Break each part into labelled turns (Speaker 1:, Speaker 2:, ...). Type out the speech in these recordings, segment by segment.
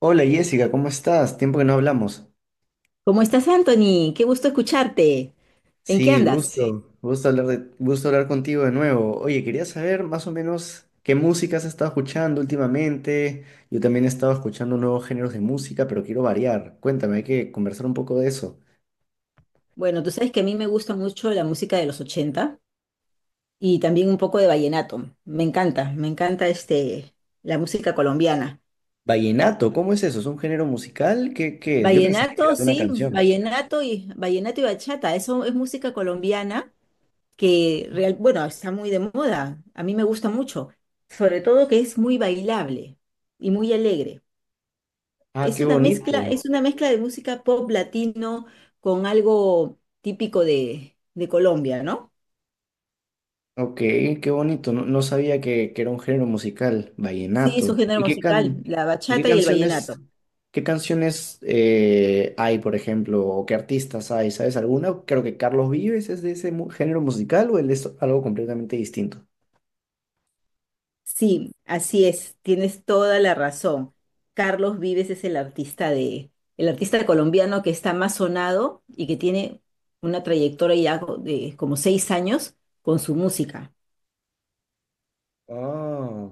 Speaker 1: Hola Jessica, ¿cómo estás? Tiempo que no hablamos.
Speaker 2: ¿Cómo estás, Anthony? Qué gusto escucharte. ¿En qué
Speaker 1: Sí,
Speaker 2: andas? Sí.
Speaker 1: gusto hablar contigo de nuevo. Oye, quería saber más o menos qué música has estado escuchando últimamente. Yo también he estado escuchando nuevos géneros de música, pero quiero variar. Cuéntame, hay que conversar un poco de eso.
Speaker 2: Bueno, tú sabes que a mí me gusta mucho la música de los 80 y también un poco de vallenato. La música colombiana.
Speaker 1: Vallenato, ¿cómo es eso? ¿Es un género musical? ¿Qué es? Yo pensaba que era
Speaker 2: Vallenato,
Speaker 1: una
Speaker 2: sí,
Speaker 1: canción.
Speaker 2: vallenato y bachata, eso es música colombiana bueno, está muy de moda. A mí me gusta mucho, sobre todo que es muy bailable y muy alegre.
Speaker 1: Ah,
Speaker 2: Es
Speaker 1: qué
Speaker 2: una mezcla,
Speaker 1: bonito.
Speaker 2: es una mezcla de música pop latino con algo típico de Colombia, ¿no?
Speaker 1: Ok, qué bonito. No, no sabía que era un género musical,
Speaker 2: Sí, es
Speaker 1: vallenato.
Speaker 2: un género
Speaker 1: ¿Y qué
Speaker 2: musical,
Speaker 1: can
Speaker 2: la
Speaker 1: y
Speaker 2: bachata y el vallenato.
Speaker 1: qué canciones hay, por ejemplo, o qué artistas hay? ¿Sabes alguna? Creo que Carlos Vives es de ese género musical o él es algo completamente distinto.
Speaker 2: Sí, así es, tienes toda la razón. Carlos Vives es el artista de, El artista colombiano que está más sonado y que tiene una trayectoria de como seis años con su música.
Speaker 1: Ah.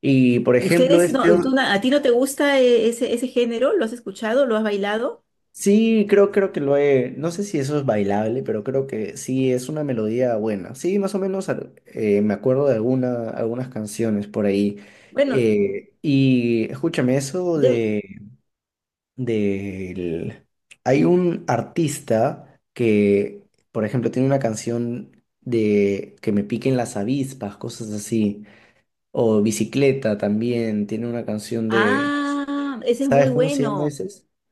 Speaker 1: Y por ejemplo,
Speaker 2: ¿Ustedes no,
Speaker 1: o-
Speaker 2: A ti no te gusta ese género? ¿Lo has escuchado? ¿Lo has bailado?
Speaker 1: Sí, creo que lo he. No sé si eso es bailable, pero creo que sí es una melodía buena. Sí, más o menos me acuerdo de algunas canciones por ahí.
Speaker 2: Bueno,
Speaker 1: Y escúchame, eso
Speaker 2: de-
Speaker 1: de, del- Hay un artista que, por ejemplo, tiene una canción de que me piquen las avispas, cosas así. O Bicicleta también tiene una canción de.
Speaker 2: Ah, ese es muy
Speaker 1: ¿Sabes cómo se llama
Speaker 2: bueno.
Speaker 1: ese?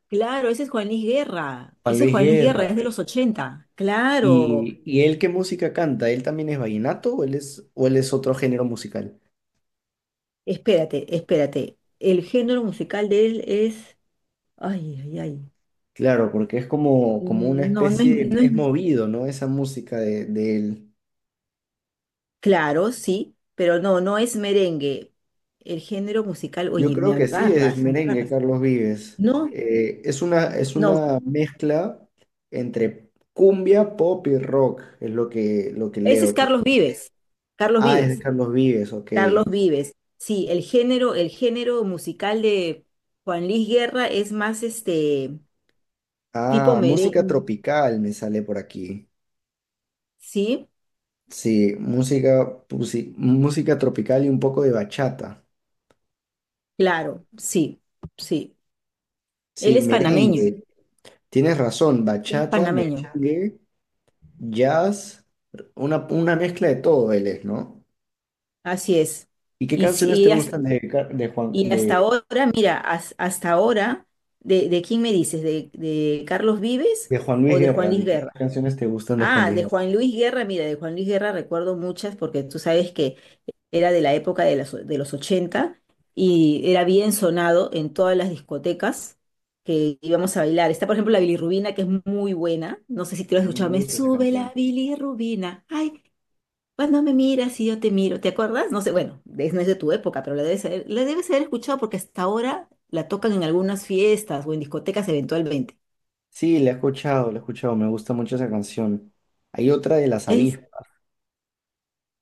Speaker 2: Claro, ese es Juan Luis Guerra.
Speaker 1: Juan
Speaker 2: Ese es
Speaker 1: Luis
Speaker 2: Juan Luis Guerra, es
Speaker 1: Guerra.
Speaker 2: de los ochenta. Claro.
Speaker 1: Y él qué música canta? ¿Él también es vallenato o él es otro género musical?
Speaker 2: Espérate. El género musical de él es... Ay, ay, ay.
Speaker 1: Claro, porque es como una
Speaker 2: No, no es,
Speaker 1: especie,
Speaker 2: no
Speaker 1: es
Speaker 2: es...
Speaker 1: movido, ¿no? Esa música de él.
Speaker 2: Claro, sí, pero no es merengue. El género musical,
Speaker 1: Yo
Speaker 2: oye, me
Speaker 1: creo que sí, es
Speaker 2: agarras, me
Speaker 1: merengue,
Speaker 2: agarras.
Speaker 1: Carlos Vives.
Speaker 2: No,
Speaker 1: Es
Speaker 2: no,
Speaker 1: una mezcla entre cumbia, pop y rock, es lo que
Speaker 2: ese es
Speaker 1: leo. Que
Speaker 2: Carlos Vives. Carlos
Speaker 1: ah, es de
Speaker 2: Vives.
Speaker 1: Carlos Vives, ok.
Speaker 2: Carlos Vives. Sí, el género musical de Juan Luis Guerra es más este tipo
Speaker 1: Ah, música
Speaker 2: merengue.
Speaker 1: tropical me sale por aquí.
Speaker 2: Sí,
Speaker 1: Sí, música tropical y un poco de bachata.
Speaker 2: claro, sí, sí. Él
Speaker 1: Sí,
Speaker 2: es panameño,
Speaker 1: merengue. Tienes razón,
Speaker 2: él es
Speaker 1: bachata,
Speaker 2: panameño,
Speaker 1: merengue, jazz, una mezcla de todo él es, ¿no?
Speaker 2: así es.
Speaker 1: ¿Y qué
Speaker 2: Y sí,
Speaker 1: canciones te gustan de,
Speaker 2: y hasta ahora, mira, hasta ahora, ¿de quién me dices? ¿De Carlos Vives
Speaker 1: de Juan Luis
Speaker 2: o de Juan
Speaker 1: Guerra?
Speaker 2: Luis
Speaker 1: ¿Qué
Speaker 2: Guerra?
Speaker 1: canciones te gustan de Juan
Speaker 2: Ah,
Speaker 1: Luis
Speaker 2: de
Speaker 1: Guerra?
Speaker 2: Juan Luis Guerra, mira, de Juan Luis Guerra recuerdo muchas porque tú sabes que era de la época de los 80 y era bien sonado en todas las discotecas que íbamos a bailar. Está, por ejemplo, la bilirrubina, que es muy buena. No sé si te lo
Speaker 1: A
Speaker 2: has
Speaker 1: mí
Speaker 2: escuchado.
Speaker 1: me
Speaker 2: Me
Speaker 1: gusta esa
Speaker 2: sube la
Speaker 1: canción.
Speaker 2: bilirrubina. Ay, cuando me miras y yo te miro, ¿te acuerdas? No sé, bueno, no es de tu época, pero la debes haber escuchado porque hasta ahora la tocan en algunas fiestas o en discotecas eventualmente.
Speaker 1: Sí, la he escuchado, me gusta mucho esa canción. Hay otra de las
Speaker 2: Es,
Speaker 1: avispas.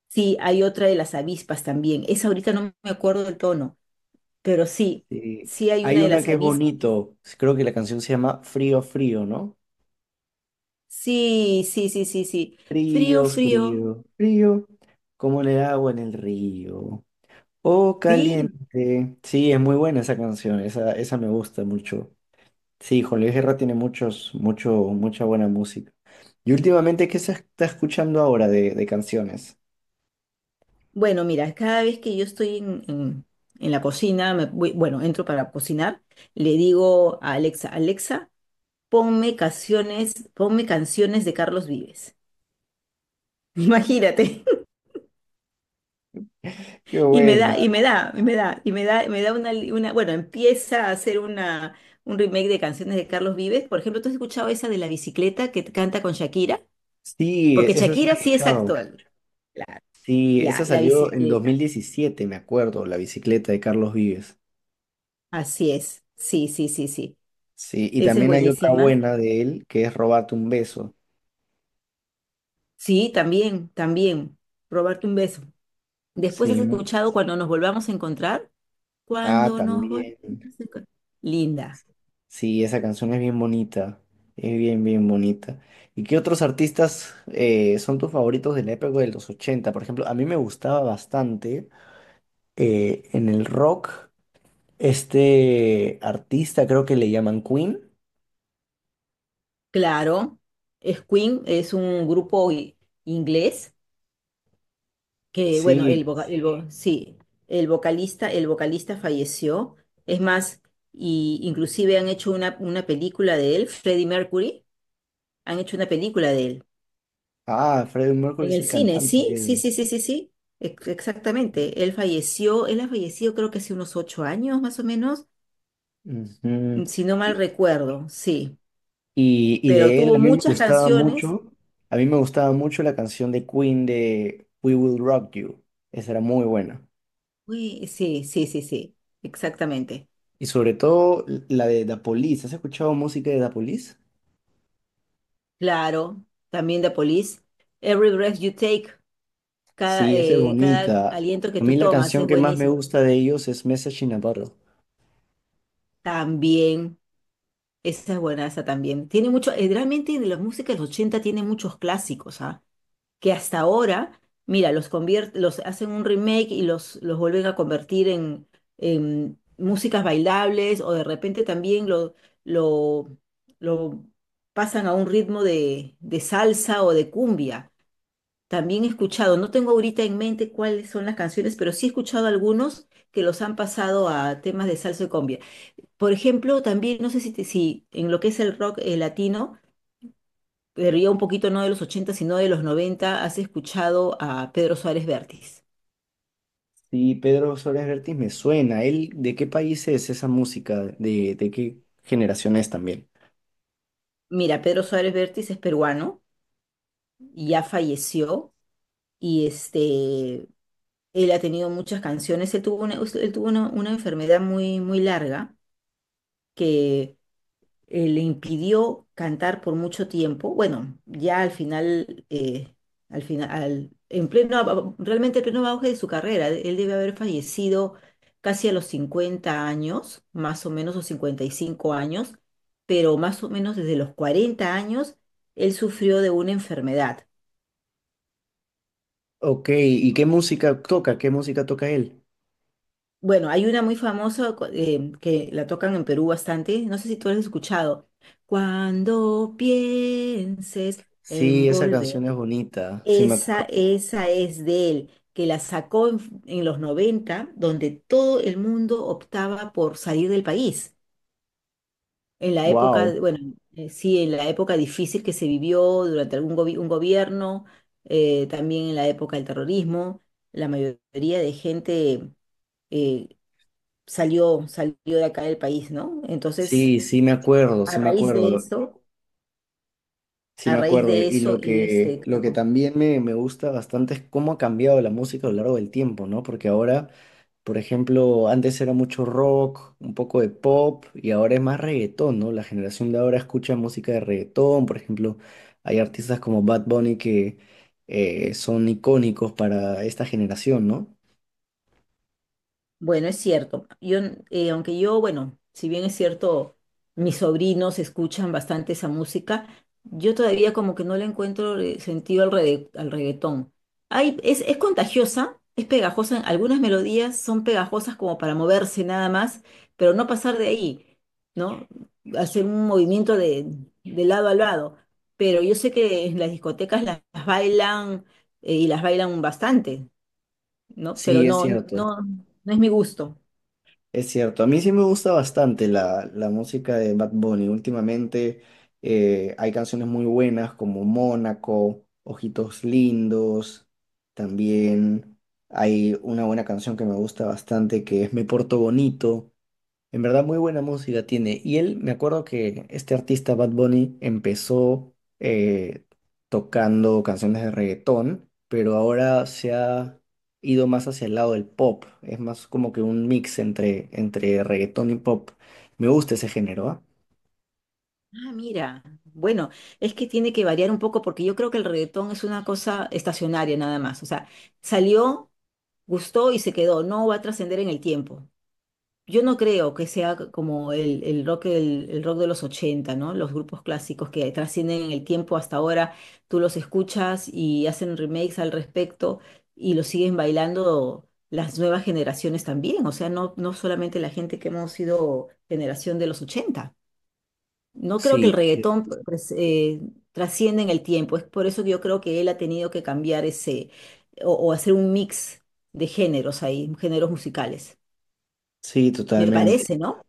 Speaker 2: sí, hay otra de las avispas también. Esa ahorita no me acuerdo del tono, pero sí,
Speaker 1: Sí.
Speaker 2: sí hay una
Speaker 1: Hay
Speaker 2: de
Speaker 1: una
Speaker 2: las
Speaker 1: que es
Speaker 2: avispas.
Speaker 1: bonito, creo que la canción se llama Frío, Frío, ¿no?
Speaker 2: Sí, sí, sí, sí, sí. Frío,
Speaker 1: Frío,
Speaker 2: frío.
Speaker 1: frío, frío, como en el agua en el río. Oh,
Speaker 2: Sí.
Speaker 1: caliente. Sí, es muy buena esa canción, esa me gusta mucho. Sí, Juan Luis Guerra tiene mucha buena música. Y últimamente, ¿qué se está escuchando ahora de canciones?
Speaker 2: Bueno, mira, cada vez que yo estoy en la cocina, bueno, entro para cocinar, le digo a Alexa, Alexa, ponme canciones de Carlos Vives. Imagínate.
Speaker 1: Qué
Speaker 2: Y me
Speaker 1: buena.
Speaker 2: da, y me da, y me da, y me da una, una, bueno, empieza a hacer una, un remake de canciones de Carlos Vives. Por ejemplo, ¿tú has escuchado esa de la bicicleta que canta con Shakira?
Speaker 1: Sí,
Speaker 2: Porque
Speaker 1: esa sí la he
Speaker 2: Shakira sí es
Speaker 1: escuchado.
Speaker 2: actual. La-
Speaker 1: Sí, esa
Speaker 2: Ya, la
Speaker 1: salió en dos mil
Speaker 2: bicicleta.
Speaker 1: diecisiete me acuerdo, La bicicleta de Carlos Vives.
Speaker 2: Así es. Sí, sí, sí, sí.
Speaker 1: Sí, y
Speaker 2: Esa es, sí,
Speaker 1: también hay otra
Speaker 2: buenísima.
Speaker 1: buena de él, que es Robarte un beso.
Speaker 2: Sí, también, también. Robarte un beso. Después has
Speaker 1: Sí.
Speaker 2: escuchado cuando nos volvamos a encontrar.
Speaker 1: Ah,
Speaker 2: Cuando nos volvamos
Speaker 1: también.
Speaker 2: a encontrar. Linda.
Speaker 1: Sí, esa canción es bien bonita, es bien bonita. ¿Y qué otros artistas son tus favoritos de la época de los ochenta? Por ejemplo, a mí me gustaba bastante en el rock este artista, creo que le llaman Queen.
Speaker 2: Claro. Es Queen, es un grupo inglés que, bueno,
Speaker 1: Sí,
Speaker 2: sí, el vocalista falleció. Es más, y inclusive han hecho una película de él, Freddie Mercury, han hecho una película de él.
Speaker 1: ah, Freddie Mercury
Speaker 2: En
Speaker 1: es
Speaker 2: el
Speaker 1: el
Speaker 2: cine, sí, sí,
Speaker 1: cantante.
Speaker 2: sí, sí, sí, sí, exactamente. Él falleció, él ha fallecido creo que hace unos ocho años más o menos,
Speaker 1: Ujú.
Speaker 2: si no mal
Speaker 1: Y,
Speaker 2: recuerdo, sí.
Speaker 1: y
Speaker 2: Pero
Speaker 1: de él a
Speaker 2: tuvo
Speaker 1: mí me
Speaker 2: muchas
Speaker 1: gustaba
Speaker 2: canciones.
Speaker 1: mucho, a mí me gustaba mucho la canción de Queen de We Will Rock You. Esa era muy buena.
Speaker 2: Uy, sí, sí, sí, sí, exactamente.
Speaker 1: Y sobre todo la de Da Police. ¿Has escuchado música de Da Police?
Speaker 2: Claro, también The Police. Every Breath You Take, cada,
Speaker 1: Sí, esa es
Speaker 2: cada
Speaker 1: bonita.
Speaker 2: aliento que
Speaker 1: A
Speaker 2: tú
Speaker 1: mí la
Speaker 2: tomas
Speaker 1: canción
Speaker 2: es
Speaker 1: que más me
Speaker 2: buenísimo.
Speaker 1: gusta de ellos es Message in a Bottle.
Speaker 2: También, esa es buena, esa también. Tiene mucho, realmente de la música de los 80 tiene muchos clásicos, ¿ah? Que hasta ahora, mira, los hacen un remake y los vuelven a convertir en músicas bailables o de repente también lo, lo pasan a un ritmo de salsa o de cumbia. También he escuchado, no tengo ahorita en mente cuáles son las canciones, pero sí he escuchado algunos que los han pasado a temas de salsa y cumbia. Por ejemplo, también no sé si, si en lo que es el rock latino, pero ya un poquito no de los 80 sino de los 90. Has escuchado a Pedro Suárez Vértiz.
Speaker 1: Sí, Pedro Suárez Vértiz me suena. ¿Él de qué país es esa música? ¿De qué generación es también?
Speaker 2: Mira, Pedro Suárez Vértiz es peruano, y ya falleció y este, él ha tenido muchas canciones. Él tuvo una enfermedad muy, muy larga que le impidió cantar por mucho tiempo. Bueno, ya al final, en pleno, realmente en pleno auge de su carrera, él debe haber fallecido casi a los 50 años, más o menos, o 55 años, pero más o menos desde los 40 años, él sufrió de una enfermedad.
Speaker 1: Ok, ¿y qué música toca? ¿Qué música toca él?
Speaker 2: Bueno, hay una muy famosa que la tocan en Perú bastante, no sé si tú la has escuchado. Cuando pienses
Speaker 1: Sí, esa
Speaker 2: envolver.
Speaker 1: canción es bonita. Sí, me
Speaker 2: Esa,
Speaker 1: acuerdo.
Speaker 2: esa es de él, que la sacó en los 90 donde todo el mundo optaba por salir del país. En la época,
Speaker 1: Wow.
Speaker 2: bueno, sí, en la época difícil que se vivió durante un gobierno, también en la época del terrorismo, la mayoría de gente eh, salió de acá del país, ¿no? Entonces,
Speaker 1: Sí, sí
Speaker 2: a
Speaker 1: me
Speaker 2: raíz de
Speaker 1: acuerdo.
Speaker 2: eso,
Speaker 1: Sí,
Speaker 2: a
Speaker 1: me
Speaker 2: raíz
Speaker 1: acuerdo.
Speaker 2: de
Speaker 1: Y
Speaker 2: eso, él este...
Speaker 1: lo que también me gusta bastante es cómo ha cambiado la música a lo largo del tiempo, ¿no? Porque ahora, por ejemplo, antes era mucho rock, un poco de pop, y ahora es más reggaetón, ¿no? La generación de ahora escucha música de reggaetón, por ejemplo, hay artistas como Bad Bunny que son icónicos para esta generación, ¿no?
Speaker 2: Bueno, es cierto. Aunque yo, bueno, si bien es cierto, mis sobrinos escuchan bastante esa música, yo todavía como que no le encuentro sentido al reggaetón. Hay, es contagiosa, es pegajosa, algunas melodías son pegajosas como para moverse nada más, pero no pasar de ahí, ¿no? Hacer un movimiento de lado a lado. Pero yo sé que en las discotecas las bailan y las bailan bastante, ¿no? Pero
Speaker 1: Sí, es
Speaker 2: no,
Speaker 1: cierto.
Speaker 2: no, no es mi gusto.
Speaker 1: Es cierto, a mí sí me gusta bastante la música de Bad Bunny. Últimamente hay canciones muy buenas como Mónaco, Ojitos Lindos. También hay una buena canción que me gusta bastante que es Me Porto Bonito. En verdad, muy buena música tiene. Y él, me acuerdo que este artista Bad Bunny empezó tocando canciones de reggaetón, pero ahora se ha ido más hacia el lado del pop. Es más como que un mix entre reggaetón y pop. Me gusta ese género, ¿ah?
Speaker 2: Ah, mira, bueno, es que tiene que variar un poco porque yo creo que el reggaetón es una cosa estacionaria nada más. O sea, salió, gustó y se quedó, no va a trascender en el tiempo. Yo no creo que sea como el rock, el rock de los 80, ¿no? Los grupos clásicos que trascienden en el tiempo hasta ahora, tú los escuchas y hacen remakes al respecto y los siguen bailando las nuevas generaciones también. O sea, no, no solamente la gente que hemos sido generación de los 80. No creo que el
Speaker 1: Sí, sí,
Speaker 2: reggaetón pues, trascienda en el tiempo. Es por eso que yo creo que él ha tenido que cambiar ese o hacer un mix de géneros ahí, géneros musicales.
Speaker 1: sí,
Speaker 2: Me
Speaker 1: totalmente.
Speaker 2: parece, ¿no?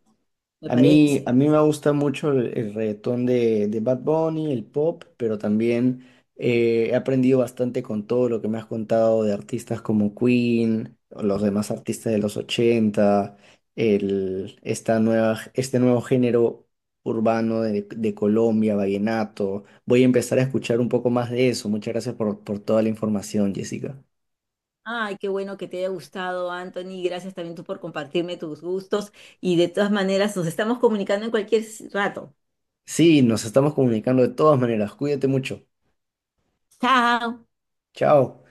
Speaker 2: Me
Speaker 1: A
Speaker 2: parece.
Speaker 1: mí me gusta mucho el reggaetón de Bad Bunny, el pop, pero también he aprendido bastante con todo lo que me has contado de artistas como Queen, o los demás artistas de los 80, este nuevo género urbano de Colombia, vallenato. Voy a empezar a escuchar un poco más de eso. Muchas gracias por toda la información, Jessica.
Speaker 2: Ay, qué bueno que te haya gustado, Anthony. Gracias también tú por compartirme tus gustos. Y de todas maneras, nos estamos comunicando en cualquier rato.
Speaker 1: Sí, nos estamos comunicando de todas maneras. Cuídate mucho.
Speaker 2: Chao.
Speaker 1: Chao.